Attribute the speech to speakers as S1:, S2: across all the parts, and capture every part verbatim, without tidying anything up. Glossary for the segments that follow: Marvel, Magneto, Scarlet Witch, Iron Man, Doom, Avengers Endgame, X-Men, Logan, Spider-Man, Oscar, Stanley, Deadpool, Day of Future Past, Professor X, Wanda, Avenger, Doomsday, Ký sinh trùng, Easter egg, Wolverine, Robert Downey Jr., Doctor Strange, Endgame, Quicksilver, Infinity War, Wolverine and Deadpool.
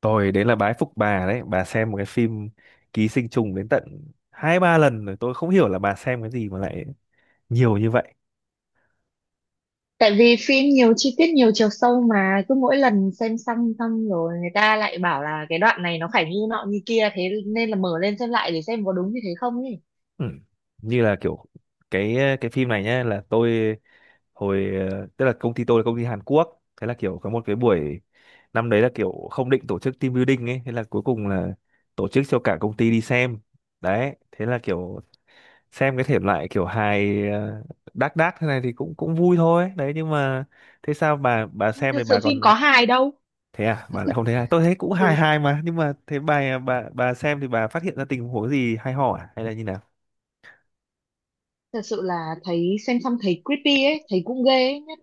S1: Tôi đấy là bái phục bà đấy, bà xem một cái phim Ký sinh trùng đến tận hai ba lần rồi, tôi không hiểu là bà xem cái gì mà lại nhiều như vậy.
S2: Tại vì phim nhiều chi tiết nhiều chiều sâu mà cứ mỗi lần xem xong xong rồi người ta lại bảo là cái đoạn này nó phải như nọ như kia, thế nên là mở lên xem lại để xem có đúng như thế không ấy.
S1: Ừ. Như là kiểu cái cái phim này nhá, là tôi hồi ờ, tức là công ty tôi là công ty Hàn Quốc, thế là kiểu có một cái buổi năm đấy là kiểu không định tổ chức team building ấy, thế là cuối cùng là tổ chức cho cả công ty đi xem. Đấy, thế là kiểu xem cái thể loại kiểu hài ờ, đác đác thế này thì cũng cũng vui thôi đấy, nhưng mà thế sao bà bà xem
S2: Thực
S1: thì
S2: sự
S1: bà
S2: phim
S1: còn
S2: có hài đâu.
S1: thế à, bà lại không thấy hài? Tôi thấy cũng hài
S2: Ừ,
S1: hài mà, nhưng mà thế bà bà bà xem thì bà phát hiện ra tình huống gì hay ho à, hay là như nào?
S2: thật sự là thấy xem xong thấy creepy ấy, thấy cũng ghê ấy. Nhất-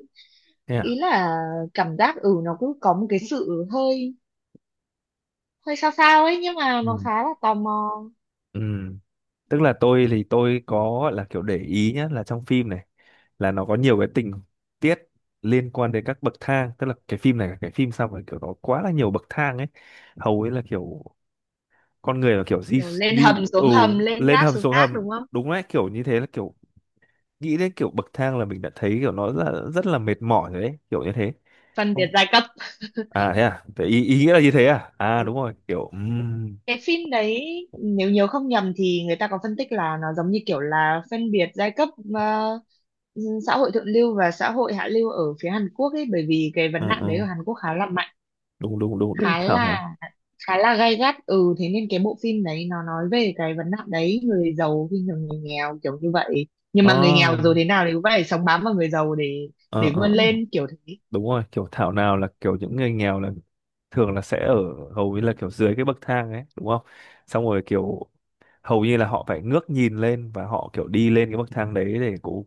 S1: Thế
S2: ý
S1: à.
S2: là cảm giác, ừ, nó cứ có một cái sự hơi hơi sao sao ấy nhưng mà nó
S1: Ừ.
S2: khá là tò mò.
S1: Ừ. Tức là tôi thì tôi có gọi là kiểu để ý nhá, là trong phim này là nó có nhiều cái tình tiết liên quan đến các bậc thang, tức là cái phim này là cái phim sao mà kiểu nó quá là nhiều bậc thang ấy, hầu ấy là kiểu con người là kiểu di
S2: Kiểu lên
S1: di
S2: hầm
S1: ừ,
S2: xuống hầm, lên
S1: lên
S2: gác
S1: hầm
S2: xuống
S1: xuống
S2: gác,
S1: hầm,
S2: đúng không?
S1: đúng đấy, kiểu như thế. Là kiểu nghĩ đến kiểu bậc thang là mình đã thấy kiểu nó rất là, rất là mệt mỏi rồi đấy, kiểu như thế.
S2: Phân biệt
S1: Không.
S2: giai cấp.
S1: À thế à, thế ý, ý nghĩa là như thế à? À đúng rồi kiểu. ừm,
S2: Cái phim đấy, nếu nhớ không nhầm thì người ta có phân tích là nó giống như kiểu là phân biệt giai cấp, ờ, xã hội thượng lưu và xã hội hạ lưu ở phía Hàn Quốc ấy, bởi vì cái
S1: ừ,
S2: vấn nạn đấy
S1: ừ,
S2: ở Hàn Quốc khá là mạnh,
S1: đúng đúng đúng đúng
S2: khá
S1: thảo
S2: là
S1: nào.
S2: khá là gay gắt. Ừ, thế nên cái bộ phim đấy nó nói về cái vấn nạn đấy, người giàu khi thường người nghèo kiểu như vậy. Nhưng mà người nghèo
S1: ờ
S2: rồi thế nào thì cũng phải sống bám vào người giàu để
S1: ờ
S2: để
S1: ờ
S2: vươn
S1: ờ,
S2: lên kiểu thế.
S1: đúng rồi, kiểu thảo nào là kiểu những người nghèo là thường là sẽ ở hầu như là kiểu dưới cái bậc thang ấy, đúng không, xong rồi kiểu hầu như là họ phải ngước nhìn lên và họ kiểu đi lên cái bậc thang đấy để cố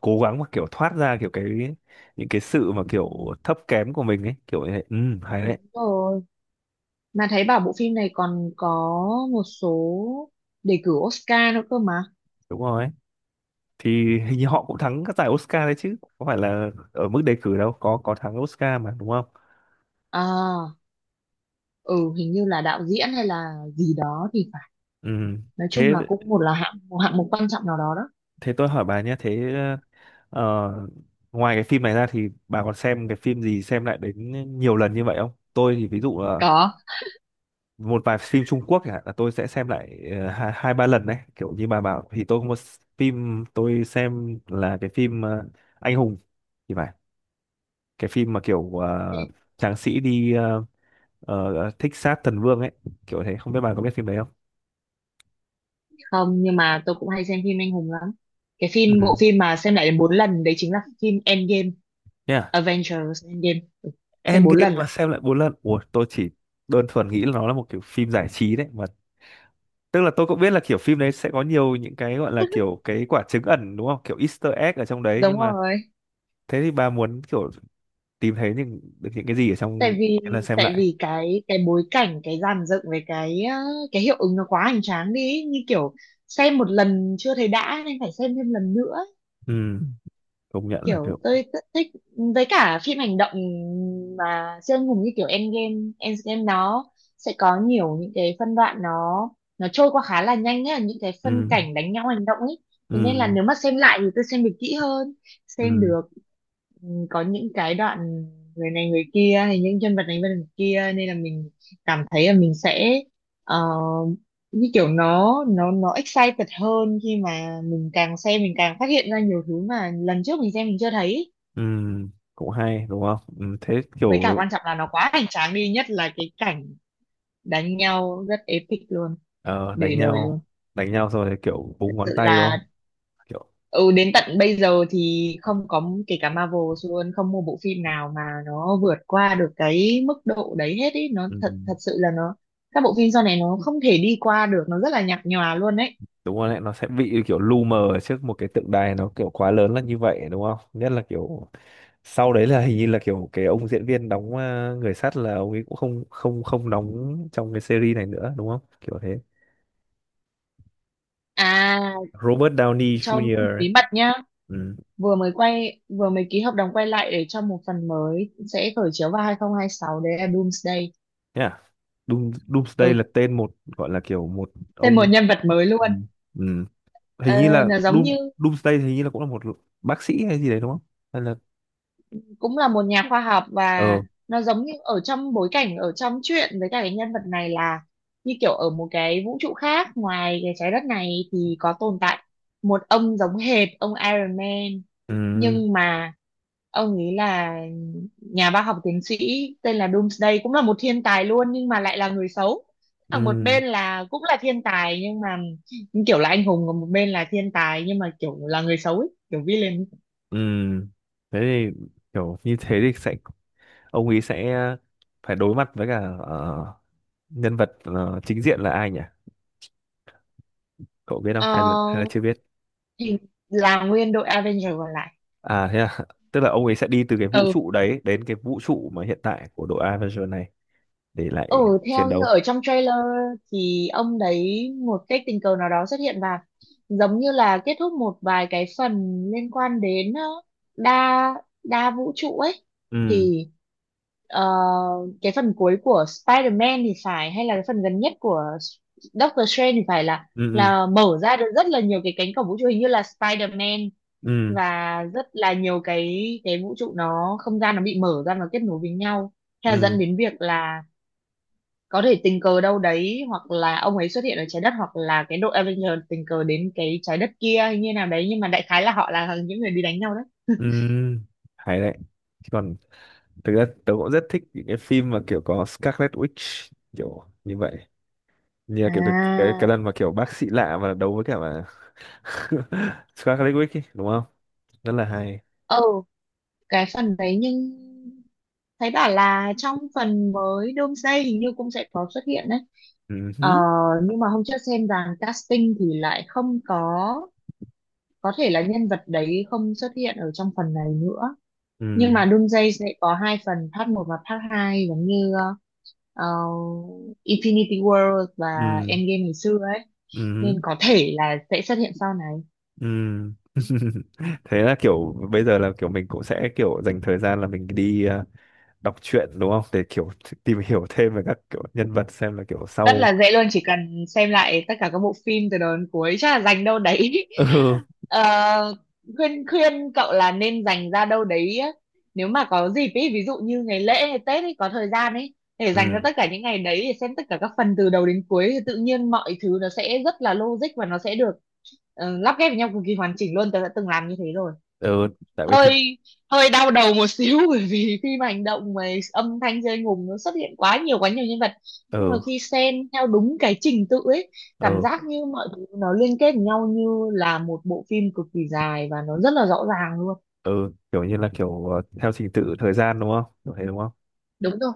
S1: cố gắng mà kiểu thoát ra kiểu cái những cái sự mà kiểu thấp kém của mình ấy, kiểu như thế. Ừ, hay
S2: Đúng
S1: đấy.
S2: rồi, mà thấy bảo bộ phim này còn có một số đề cử Oscar nữa cơ mà.
S1: Đúng rồi ấy. Thì hình như họ cũng thắng các giải Oscar đấy chứ, có phải là ở mức đề cử đâu, có có thắng Oscar mà, đúng không?
S2: À, ừ, hình như là đạo diễn hay là gì đó thì phải,
S1: Ừ.
S2: nói chung
S1: thế
S2: là cũng một là hạng, một hạng mục quan trọng nào đó đó.
S1: thế tôi hỏi bà nhé, thế ờ, ngoài cái phim này ra thì bà còn xem cái phim gì xem lại đến nhiều lần như vậy không? Tôi thì ví dụ là
S2: Có.
S1: một vài phim Trung Quốc chẳng hạn là tôi sẽ xem lại ờ, hai hai ba lần đấy, kiểu như bà bảo. Thì tôi có một phim tôi xem là cái phim ờ, Anh Hùng thì phải, cái phim mà kiểu
S2: Thế
S1: ờ, tráng sĩ đi ờ, ờ, ờ, thích sát thần vương ấy, kiểu thế, không biết bà có biết phim đấy không.
S2: không, nhưng mà tôi cũng hay xem phim anh hùng lắm. Cái phim, bộ
S1: Ừ.
S2: phim mà xem lại đến bốn lần đấy chính là phim Endgame.
S1: Yeah.
S2: Avengers Endgame, ừ, xem bốn
S1: Endgame
S2: lần
S1: mà
S2: lận.
S1: xem lại bốn lần? Ủa, tôi chỉ đơn thuần nghĩ là nó là một kiểu phim giải trí đấy mà, tức là tôi cũng biết là kiểu phim đấy sẽ có nhiều những cái gọi là kiểu cái quả trứng ẩn, đúng không, kiểu Easter egg ở trong đấy, nhưng
S2: Đúng
S1: mà
S2: rồi.
S1: thế thì bà muốn kiểu tìm thấy những được những cái gì ở
S2: tại
S1: trong
S2: vì
S1: cái lần xem
S2: tại
S1: lại?
S2: vì cái cái bối cảnh, cái dàn dựng với cái ờ, cái hiệu ứng nó quá hoành tráng đi, như kiểu xem một lần chưa thấy đã nên phải xem thêm lần nữa.
S1: Ừ, công nhận là
S2: Kiểu
S1: kiểu
S2: tôi rất thích, với cả phim hành động mà siêu anh hùng như kiểu Endgame. Endgame nó sẽ có nhiều những cái phân đoạn nó nó trôi qua khá là nhanh ấy, những cái
S1: ừ,
S2: phân cảnh đánh nhau hành động ấy. Thế nên là
S1: ừ,
S2: nếu mà xem lại thì tôi xem được kỹ hơn, xem
S1: ừ,
S2: được, ừ, có những cái đoạn người này người kia hay những nhân vật này nhân vật kia, nên là mình cảm thấy là mình sẽ ờ, như kiểu nó nó nó excited hơn, khi mà càng xem mình càng phát hiện ra nhiều thứ mà lần trước mình xem mình chưa thấy.
S1: ừ, cũng hay đúng không. Ừ, thế
S2: Với cả
S1: kiểu
S2: quan trọng là nó quá hoành tráng đi, nhất là cái cảnh đánh nhau rất epic luôn,
S1: ờ, đánh
S2: để đời luôn.
S1: nhau. Đánh nhau rồi thì kiểu
S2: Thật
S1: búng
S2: sự
S1: ngón tay đúng
S2: là,
S1: không, kiểu
S2: ừ, đến tận bây giờ thì không có, kể cả Marvel luôn, không một bộ phim nào mà nó vượt qua được cái mức độ đấy hết ý, nó
S1: ừ,
S2: thật, thật sự là nó, các bộ phim sau này nó không thể đi qua được, nó rất là nhạt nhòa luôn đấy.
S1: đúng rồi đấy, nó sẽ bị kiểu lu mờ ở trước một cái tượng đài nó kiểu quá lớn là như vậy đúng không, nhất là kiểu sau đấy là hình như là kiểu cái ông diễn viên đóng ờ, người sắt là ông ấy cũng không không không đóng trong cái series này nữa đúng không, kiểu thế,
S2: À,
S1: Robert Downey
S2: cho biết
S1: Junior
S2: một
S1: ấy.
S2: bí mật nhá.
S1: Ừ.
S2: Vừa mới quay, vừa mới ký hợp đồng quay lại để cho một phần mới sẽ khởi chiếu vào hai không hai sáu, đấy là Doomsday.
S1: Yeah. Doom, Doomsday
S2: Ừ,
S1: là tên một gọi là kiểu một
S2: tên một
S1: ông.
S2: nhân vật mới luôn.
S1: Ừ. Ừ.
S2: Ờ,
S1: Hình như là
S2: là giống
S1: Doom
S2: như
S1: Doomsday thì hình như là cũng là một bác sĩ hay gì đấy đúng không? Hay là
S2: cũng là một nhà khoa học, và
S1: ờ.
S2: nó giống như ở trong bối cảnh ở trong truyện, với cả cái nhân vật này là như kiểu ở một cái vũ trụ khác, ngoài cái trái đất này thì có tồn tại một ông giống hệt ông Iron Man,
S1: Ừ.
S2: nhưng mà ông ấy là nhà bác học tiến sĩ tên là Doomsday, cũng là một thiên tài luôn nhưng mà lại là người xấu. Ở một
S1: Ừ.
S2: bên là cũng là thiên tài, nhưng mà như kiểu là anh hùng, còn một bên là thiên tài nhưng mà kiểu là người xấu ấy, kiểu villain.
S1: Ừ. Thế thì kiểu như thế thì sẽ ông ấy sẽ phải đối mặt với cả ờ, nhân vật ờ, chính diện là ai nhỉ? Cậu biết không?
S2: Ờ,
S1: Hay là hay là chưa biết?
S2: thì là nguyên đội Avenger còn lại.
S1: À thế à. Tức là ông ấy sẽ đi từ cái vũ
S2: Ừ.
S1: trụ đấy đến cái vũ trụ mà hiện tại của đội Avenger này để lại
S2: Ừ,
S1: chiến
S2: theo như
S1: đấu.
S2: ở trong trailer thì ông đấy một cách tình cờ nào đó xuất hiện và giống như là kết thúc một vài cái phần liên quan đến ờ, đa đa vũ trụ ấy.
S1: Ừ.
S2: Thì ờ, cái phần cuối của Spider-Man thì phải, hay là cái phần gần nhất của Doctor Strange thì phải, là
S1: Ừ. Ừ.
S2: là mở ra được rất là nhiều cái cánh cổng vũ trụ, hình như là Spider-Man,
S1: Ừ.
S2: và rất là nhiều cái cái vũ trụ nó, không gian nó bị mở ra, nó kết nối với nhau, theo
S1: Ừ,
S2: dẫn đến việc là có thể tình cờ đâu đấy hoặc là ông ấy xuất hiện ở trái đất, hoặc là cái đội Avenger tình cờ đến cái trái đất kia hay như nào đấy, nhưng mà đại khái là họ là những người đi đánh nhau đấy.
S1: ừ, hay đấy. Chứ còn thực ra tớ cũng rất thích những cái phim mà kiểu có Scarlet Witch kiểu như vậy, như là kiểu cái cái,
S2: À,
S1: cái lần mà kiểu bác sĩ lạ mà đấu với cả mà Scarlet Witch ấy, đúng không, rất là hay.
S2: ừ, cái phần đấy. Nhưng thấy bảo là trong phần mới Doomsday hình như cũng sẽ có xuất hiện đấy.
S1: Ừ
S2: Ờ,
S1: hứ,
S2: nhưng mà hôm trước xem dàn casting thì lại không có, có thể là nhân vật đấy không xuất hiện ở trong phần này nữa. Nhưng
S1: ừ
S2: mà Doomsday sẽ có hai phần, part một và part hai, giống như ờ, Infinity War và
S1: ừ
S2: Endgame ngày xưa ấy,
S1: ừ
S2: nên có thể là sẽ xuất hiện sau này.
S1: ừ thế là kiểu bây giờ là kiểu mình cũng sẽ kiểu dành thời gian là mình đi ờ, đọc truyện đúng không, để kiểu tìm hiểu thêm về các kiểu nhân vật xem là kiểu
S2: Rất
S1: sau.
S2: là dễ luôn, chỉ cần xem lại tất cả các bộ phim từ đầu đến cuối, chắc là dành đâu đấy
S1: ừ
S2: Ờ, khuyên khuyên cậu là nên dành ra đâu đấy á. Nếu mà có dịp ý, ví dụ như ngày lễ hay Tết ấy, có thời gian ấy để dành ra
S1: ừ
S2: tất cả những ngày đấy để xem tất cả các phần từ đầu đến cuối, thì tự nhiên mọi thứ nó sẽ rất là logic, và nó sẽ được ờ, lắp ghép với nhau cực kỳ hoàn chỉnh luôn. Tớ đã từng làm như thế rồi.
S1: ừ tại vì thỉnh.
S2: Hơi hơi đau đầu một xíu, bởi vì khi mà hành động mà âm thanh rơi ngùng, nó xuất hiện quá nhiều, quá nhiều nhân vật, nhưng mà
S1: ừ
S2: khi xen theo đúng cái trình tự ấy, cảm
S1: ừ
S2: giác như mọi thứ nó liên kết với nhau như là một bộ phim cực kỳ dài, và nó rất là rõ ràng luôn.
S1: ừ kiểu như là kiểu ờ, theo trình tự thời gian đúng không, kiểu thế đúng không.
S2: Đúng rồi,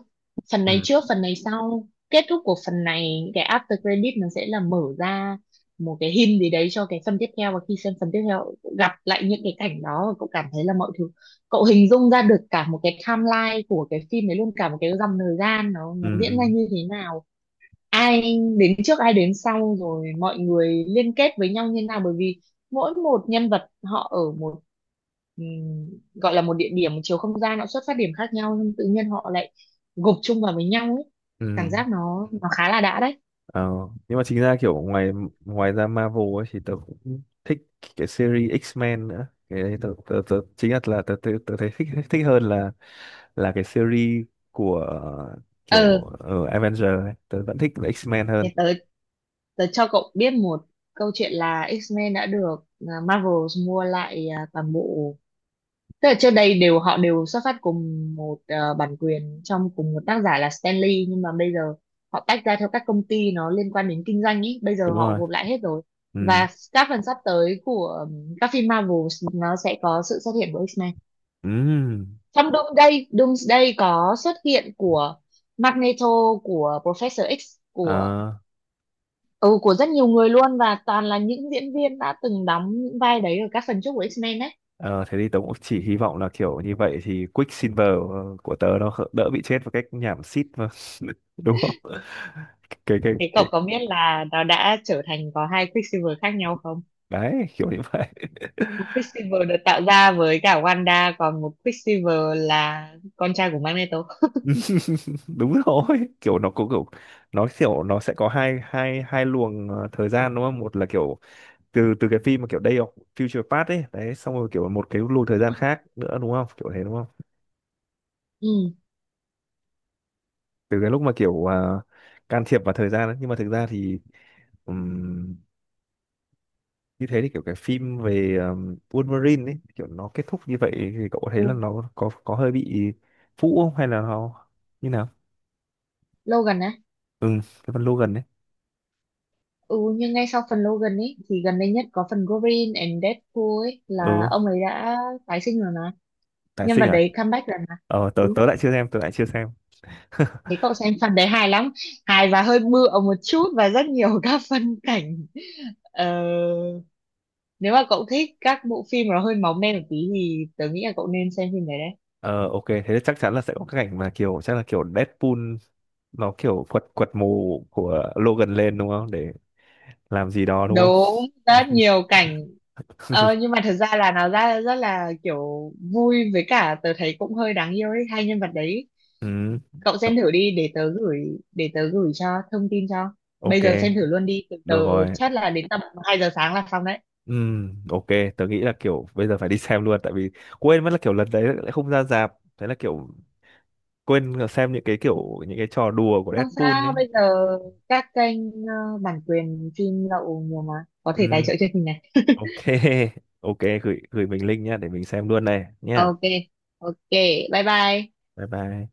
S2: phần này
S1: ừ
S2: trước phần này sau, kết thúc của phần này cái after credit nó sẽ là mở ra một cái hint gì đấy cho cái phần tiếp theo, và khi xem phần tiếp theo cậu gặp lại những cái cảnh đó, và cậu cảm thấy là mọi thứ, cậu hình dung ra được cả một cái timeline của cái phim đấy luôn, cả một cái dòng thời gian nó
S1: ừ
S2: nó diễn
S1: ừ
S2: ra như thế nào, ai trước ai đến sau, rồi mọi người liên kết với nhau như nào. Bởi vì mỗi một nhân vật họ ở một, ừm, gọi là một địa điểm, một chiều không gian, họ xuất phát điểm khác nhau, nhưng tự nhiên họ lại gộp chung vào với nhau ấy. Cảm
S1: ừ.
S2: giác nó nó khá là đã đấy.
S1: Ờ, nhưng mà chính ra kiểu ngoài ngoài ra Marvel ấy thì tớ cũng thích cái series X-Men nữa, cái đấy tớ, tớ, tớ chính là là tớ, tớ, tớ thấy thích thích hơn là là cái series của ờ, kiểu
S2: Ờ,
S1: uh, Avenger ấy, tớ vẫn thích là X-Men
S2: thì
S1: hơn.
S2: tớ tớ cho cậu biết một câu chuyện, là X-Men đã được, à, Marvel mua lại, à, toàn bộ. Tức là trước đây đều, họ đều xuất phát cùng một ờ, bản quyền, trong cùng một tác giả là Stanley, nhưng mà bây giờ họ tách ra theo các công ty, nó liên quan đến kinh doanh ý, bây giờ
S1: Đúng
S2: họ
S1: rồi.
S2: gộp lại hết rồi.
S1: Ừ.
S2: Và các phần sắp tới của ừm, các phim Marvel nó sẽ có sự xuất hiện của X-Men.
S1: Ừ.
S2: Trong Doomsday, Doomsday có xuất hiện của Magneto, của Professor X, của,
S1: Ờ.
S2: ừ, của rất nhiều người luôn, và toàn là những diễn viên đã từng đóng những vai đấy ở các phần trước của X-Men đấy.
S1: Ờ, thế thì tớ cũng chỉ hy vọng là kiểu như vậy thì Quicksilver ờ, của tớ nó khỡ- đỡ bị chết một cách nhảm xít mà. Đúng không? Cái cái
S2: Thế cậu
S1: cái
S2: có biết là nó đã trở thành có hai Quicksilver khác nhau không?
S1: đấy kiểu như vậy.
S2: Một Quicksilver được tạo ra với cả Wanda, còn một Quicksilver là con trai của Magneto.
S1: Đúng rồi, kiểu nó có kiểu nó kiểu nó sẽ có hai hai hai luồng ờ, thời gian đúng không? Một là kiểu từ từ cái phim mà kiểu Day of Future Past ấy, đấy xong rồi kiểu một cái luồng thời
S2: Ừ,
S1: gian khác nữa đúng không? Kiểu thế đúng không?
S2: ừ.
S1: Từ cái lúc mà kiểu ờ, can thiệp vào thời gian ấy. Nhưng mà thực ra thì như thế thì kiểu cái phim về um, Wolverine ấy kiểu nó kết thúc như vậy thì cậu có thấy là
S2: Ừ.
S1: nó có có hơi bị phũ không, hay là nó như nào?
S2: Logan á.
S1: Ừ, cái phần Logan ấy.
S2: Ừ, nhưng ngay sau phần Logan ấy thì gần đây nhất có phần Wolverine and Deadpool ấy, là
S1: Ừ.
S2: ông ấy đã tái sinh rồi mà,
S1: Tái
S2: nhân
S1: sinh
S2: vật
S1: à?
S2: đấy comeback rồi mà.
S1: Ờ, tớ
S2: Ừ,
S1: tớ lại chưa xem, tớ lại chưa xem.
S2: thế cậu xem phần đấy hài lắm, hài và hơi bựa một chút và rất nhiều các phân cảnh. Ờ, nếu mà cậu thích các bộ phim nó hơi máu me một tí thì tớ nghĩ là cậu nên xem phim đấy đấy.
S1: Ờ, ok, thế thì chắc chắn là sẽ có cái cảnh mà kiểu chắc là kiểu Deadpool nó kiểu quật quật mồ của Logan lên đúng không, để làm gì đó đúng không.
S2: Đúng, rất nhiều cảnh. Ờ, nhưng mà thật ra là nó ra rất là kiểu vui, với cả tớ thấy cũng hơi đáng yêu ấy, hai nhân vật đấy.
S1: Ừ,
S2: Cậu xem thử đi, để tớ gửi, để tớ gửi cho thông tin cho, bây
S1: ok,
S2: giờ xem thử luôn đi. Tớ tớ
S1: được rồi.
S2: chắc là đến tầm hai giờ sáng là xong đấy.
S1: Ừ, ok, tớ nghĩ là kiểu bây giờ phải đi xem luôn, tại vì quên mất là kiểu lần đấy lại không ra rạp, thế là kiểu quên xem những cái kiểu những cái trò đùa của
S2: Không
S1: Deadpool ấy.
S2: sao, bây giờ các kênh ờ, bản quyền phim lậu nhiều mà, có thể tài
S1: Ừ,
S2: trợ cho mình này
S1: ok. Ok, gửi gửi mình link nhá, để mình xem luôn này nhá.
S2: ok, ok, bye bye.
S1: Bye bye.